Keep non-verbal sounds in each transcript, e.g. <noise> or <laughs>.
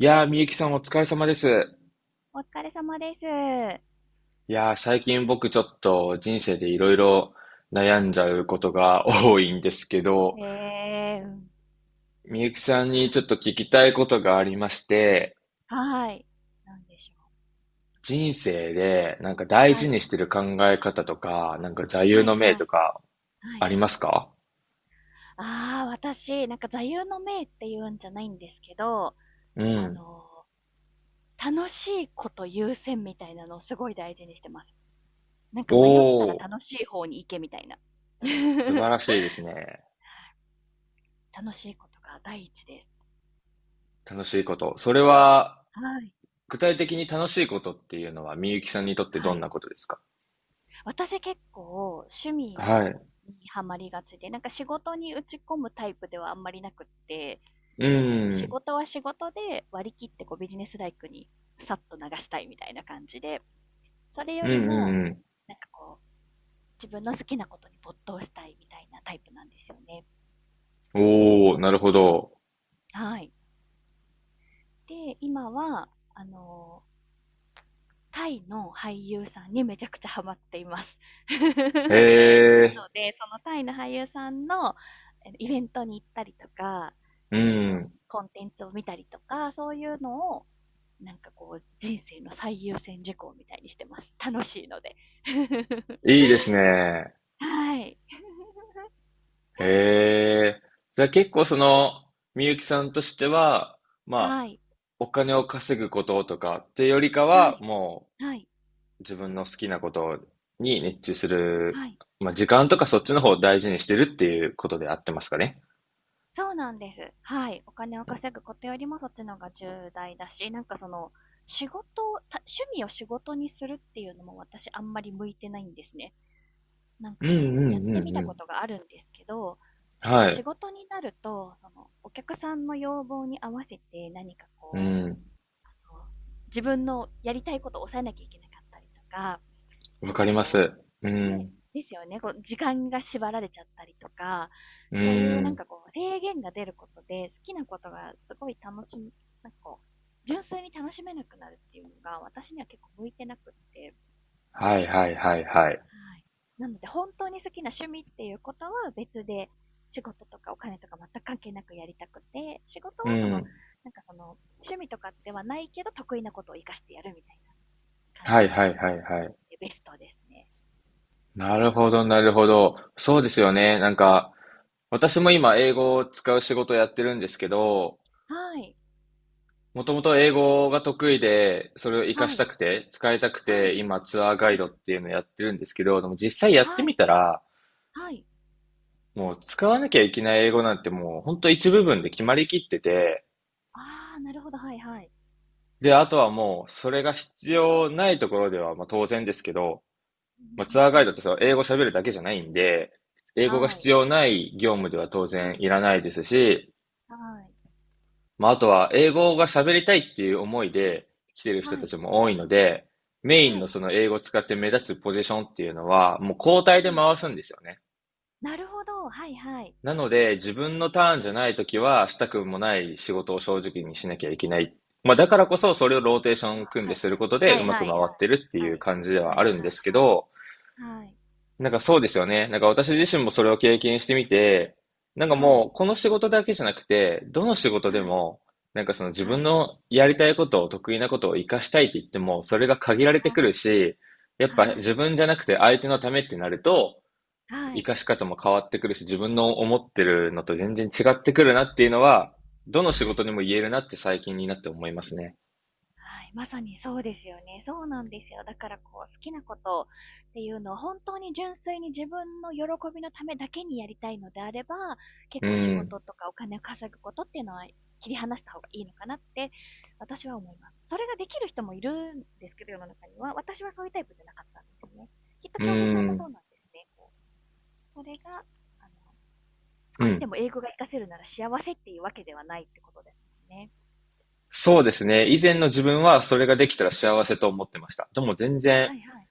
いやー、みゆきさんお疲れ様です。お疲れ様です。いやー、最近僕ちょっと人生でいろいろ悩んじゃうことが多いんですけど、うん。みゆきさんはにちい。ょっと聞きたいことがありまして、はい。なんでしょう。人生でなんか大は事い。にしてる考え方とか、なんか座右はいの銘はとい。かはあい。りますか？ああ、私、なんか座右の銘って言うんじゃないんですけど、うあん。の楽しいこと優先みたいなのをすごい大事にしてます。なんか迷ったらおー、楽しい方に行けみたいな。素 <laughs> 晴らしいですね。楽しいことが第一です。楽しいこと。それは、はい。具体的に楽しいことっていうのはみゆきさんにとってはどんい。なことですか？私結構趣味はい。にハマりがちで、なんか仕事に打ち込むタイプではあんまりなくって、うこう仕ん。事は仕事で割り切ってこうビジネスライクにさっと流したいみたいな感じで、それようりんも、うん。なんかこう、自分の好きなことに没頭したいみたいなタイプなんですよね。おお、なるほど。はい。で、今は、あのタイの俳優さんにめちゃくちゃハマっています。へ <laughs> なえ、ので、そのタイの俳優さんのイベントに行ったりとか、うん。コンテンツを見たりとか、そういうのを、なんかこう、人生の最優先事項みたいにしてます。楽しいので。<laughs> いいですね。はい。<laughs> へえ。じゃあ結構その、みゆきさんとしては、まあ、はい。お金を稼ぐこととかってよりかはは、い。もはい。う自分の好きなことに熱中する、はい。まあ時間とかそっちの方を大事にしてるっていうことであってますかね。そうなんです。はい。お金を稼ぐことよりもそっちの方が重大だし、なんかその、仕事を、た趣味を仕事にするっていうのも私あんまり向いてないんですね。なんうかんこうう、やっんてうんみうたこん。とがあるんですけど、こう、は仕い。事になると、その、お客さんの要望に合わせて何かうこん。う、自分のやりたいことを抑えなきゃいけなかったりとか、なわんかかりまこす。うう、ね、ん。ですよね。こう、時間が縛られちゃったりとか、うそういうなんん。かこう、制限が出ることで、好きなことがすごい楽しみ、なんかこう、純粋に楽しめなくなるっていうのが、私には結構向いてなくって、はいはいはいはい。はい。なので、本当に好きな趣味っていうことは別で、仕事とかお金とか全く関係なくやりたくて、仕事うはその、ん。なんかその、趣味とかではないけど、得意なことを活かしてやるみたいな感はいじがはい自分はにいはとっい。てベストですね。なるほど、なるほど。そうですよね。なんか、私も今、英語を使う仕事をやってるんですけど、はい。もともと英語が得意で、それを活かはしたい。くて、使いたくはて、い。今、ツアーガはイい。ドっていうのをやってるんですけど、でも実際やってはみい、たら、はい。もう使わなきゃいけない英語なんてもう、本当一部分で決まりきってて、ああ、なるほど、はいはい。で、あとはもう、それが必要ないところでは、まあ当然ですけど、まあツアーガイドってそう、英語喋るだけじゃないんで、英語が必要ない業務では当然いらないですし、まあ、あとは、英語が喋りたいっていう思いで来てる人たちも多いので、メインのその英語を使って目立つポジションっていうのは、もう交代で回すんですよね。なので、自分のターンじゃないときは、したくもない仕事を正直にしなきゃいけない。まあ、だからこそ、それをローテーション組んはでいすることで、はういまはくい。回ってるっていはうい。感じではあるんはですけいど、はいはい。はい。なんかそうですよね。なんか私自身もそれを経験してみて、なんかはもうい。この仕事だけじゃなくて、どの仕事でも、なんかその自分のやりたいことを得意なことを活かしたいって言っても、それが限られてはくい。るし、やっぱは自い。分じゃなくて相手のためってなると、は活い。かし方も変わってくるし、自分の思ってるのと全然違ってくるなっていうのは、どの仕は事い。にも言えるなって最近になって思いますね。はい、まさにそうですよね。そうなんですよ。だからこう、好きなことっていうのを本当に純粋に自分の喜びのためだけにやりたいのであれば、結う構仕事ん、とかお金を稼ぐことっていうのは切り離した方がいいのかなって私は思います。それができる人もいるんですけど、世の中には。私はそういうタイプじゃなかったんですよね。きっとう京平さんもそうん、なんですね。こうそれが、あの、う少しでん。も英語が活かせるなら幸せっていうわけではないってことですもんね。そうですね。以前の自分はそれができたら幸せと思ってました。でも全然はいはい。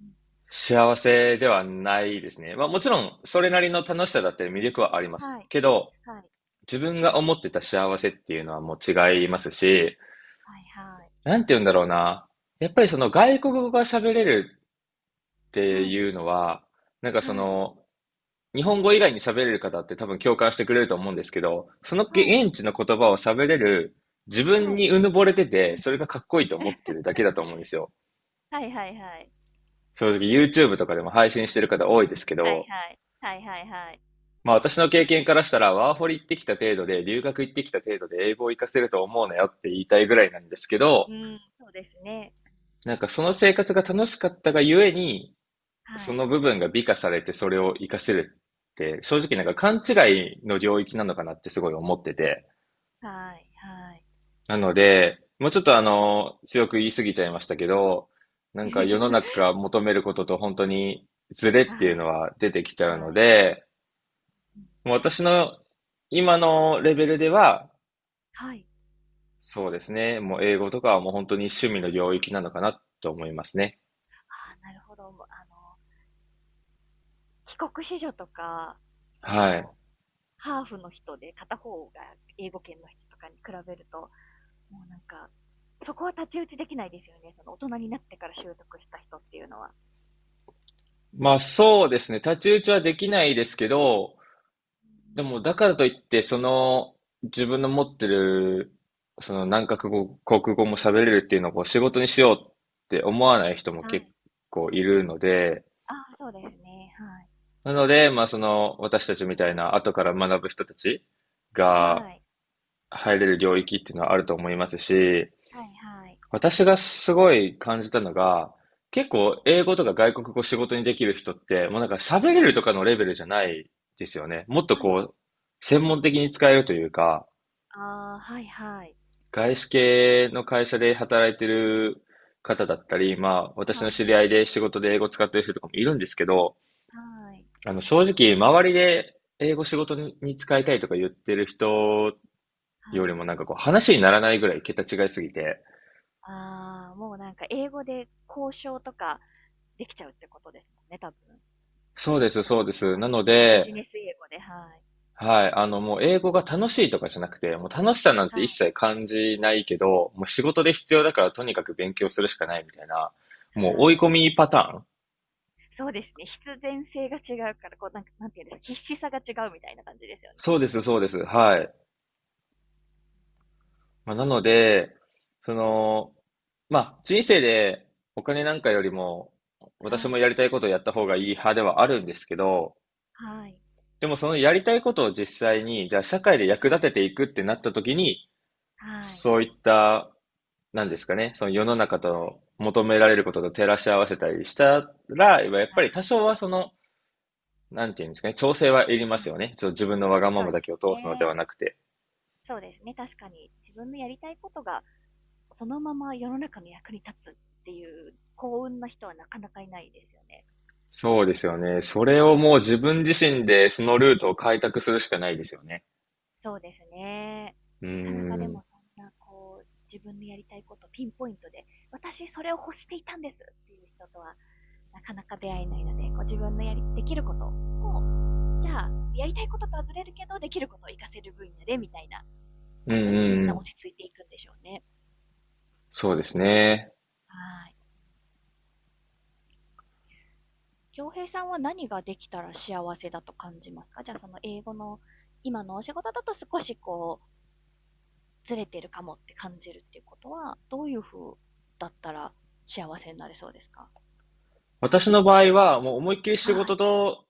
うんうん、幸せではないですね。まあもちろんそれなりの楽しさだって魅力はあります。はい、けど、はい、自分はがい。思ってた幸せっていうのはもう違いますし、はいはい。なんて言うんだろうな。やっぱりその外国語が喋れるってはい。いうのは、なんかそはい。の、日本語以外に喋れる方って多分共感してくれると思うんですけど、そのはい。現地の言葉を喋れる自分はい。にうぬぼれてて、はい。それがかっこいいと思ってるだ <laughs> けだと思うんですよ。はいはいはい。正直 YouTube とかでも配信してる方多いですけはいど、はい。はいはいはい。まあ私の経験からしたら、ワーホリ行ってきたはい。程度で、留学行ってきた程度で英語を活かせると思うなよって言いたいぐらいなんですけど、うーん、そうですね。なんかその生活が楽しかったがゆえに、はそい。の部分が美化されてそれを活かせるって、正直なんか勘はい。違いの領域なのかなってすごい思ってて。はい。はい。なので、もうちょっと強く言い過ぎちゃいましたけど、なんか世の中が <laughs> 求めることと本当にズレっていうはのい。は出てきちゃうはのい。で、うん。もう私の今のレベルでは、はい。そうですね。もう英語とかはもう本当に趣味の領域なのかなと思いますね。ああ、なるほど。もう、帰国子女とか、そはの、い。ハーフの人で片方が英語圏の人とかに比べると、もうなんか、そこは太刀打ちできないですよね。その大人になってから習得した人っていうのは。まあそうですね。太刀打ちはできないですけど、でもだからといって、その自分の持ってる、その何カ国語、国語も喋れるっていうのをこう仕事にしようって思わない人もは結い。構いるので、ああ、そうですね。はなので、まあその私たちみたいな後から学ぶ人たちい。がはい。入れる領域っていうのはあると思いますし、はいはい。私がすごい感じたのが、結構英語とか外国語仕事にできる人って、もうなんか喋れはるとい。かのレベルじゃないですよね。もっとはい。こう、専門的に使えるというか、ああ、はいはい。外資系の会社で働いてる方だったり、まあ私はの知り合い。いで仕事で英語使ってる人とかもいるんですけど、はい。あの正直周りで英語仕事に使いたいとか言ってる人よはりい。もなんかこう話にならないぐらい桁違いすぎて、ああ、もうなんか英語で交渉とかできちゃうってことですもんね、多分。そう説です、得そうでとす。か。なのもうビで、ジネス英語で、はい。はい。もう英語が楽しいとかじゃなくて、もう楽しさなんはて一い。切感じないけど、もう仕事で必要だからとにかく勉強するしかないみたいな、もう追いは込い。みパターン。そうですね。必然性が違うから、こう、なんか、なんていうんですか、必死さが違うみたいな感じですよね。そうです、そうです。はい。まあ、なので、その、まあ、人生でお金なんかよりも、私はもい。やりたいことをやった方がいい派ではあるんですけど、はい。でもそのやりたいことを実際に、じゃあ社会で役は立い。てていくってなった時に、はい。そういったなんですかね、その世の中はい。と求められることと照らし合わせたりしたら、やっはぱい。り多少はその、なんていうんですかね、調整はいりまはすい、よね。ちょっと自分のわがまそうまでだすけを通すのでね。はなくて。そうですね。確かに自分のやりたいことがそのまま世の中の役に立つっていう幸運な人はなかなかいないですよね。そうですよね。それをもう自分自身でそのルートを開拓するしかないですよね。そうですね。うーなかなかん。でうもんそんなこう、自分のやりたいことピンポイントで、私それを欲していたんですっていう人とはなかなか出会えないので、こう自分のやり、できることを、じゃあ、やりたいこととはずれるけど、できることを活かせる分野でみたいなうんことにみんうな落ん。ち着いていくんでしょうね。そうですね。はい。京平さんは何ができたら幸せだと感じますか？じゃあ、その英語の今のお仕事だと少しこうずれてるかもって感じるっていうことは、どういう風だったら幸せになれそうですか？私の場合は、もう思いっきり仕は事い。と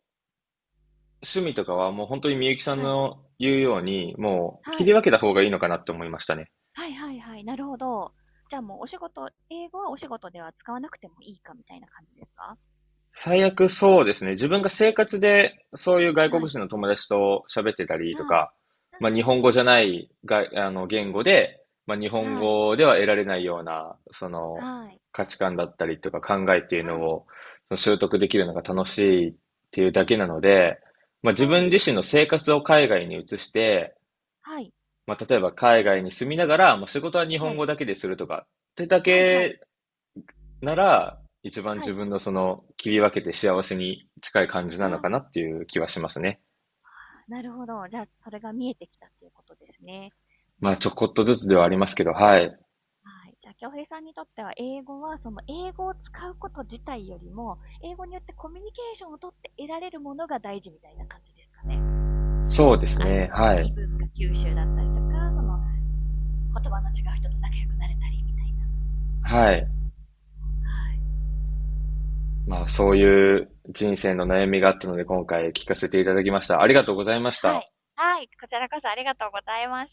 趣味とかはもう本当にみゆきさんはい。の言うように、もうは切りい。分けた方がいいのかなって思いましたね。はいはいはい。なるほど。じゃあもうお仕事、英語はお仕事では使わなくてもいいかみたいな感じですか？最悪そうですね。自分が生活でそういう外は国い。人の友達と喋ってたりとはい。か、はまあ、い。日本語じゃないが、あの言語で、まあ、日本はい。語では得られないような、その価値観だったりとか考えっていうのはい。をその習得できるのが楽しいっていうだけなので、まあ、自は分い。自身の生活を海外に移して、はい。まあ、例えば海外に住みながら、まあ、仕事は日は本語い。だけでするとかってだはい。はい。けなら、一番はい。自はい。分のその切り分けて幸せに近い感じなのはかい。なっていう気はしますね。なるほど。じゃあ、それが見えてきたっていうことですね。まあちょこっとずつではありますけど、うんうんうん。はい。はい。じゃあ、京平さんにとっては、英語は、その、英語を使うこと自体よりも、英語によってコミュニケーションをとって得られるものが大事みたいな感じですかね。そうです相ね。手からのはい。異文化吸収だったりとか、その、言葉の違う人と仲良くなれたりみたいな。はい。はい。まあそういう人生の悩みがあったので今回聞かせていただきました。ありがとうございましはた。い。はい。こちらこそありがとうございます。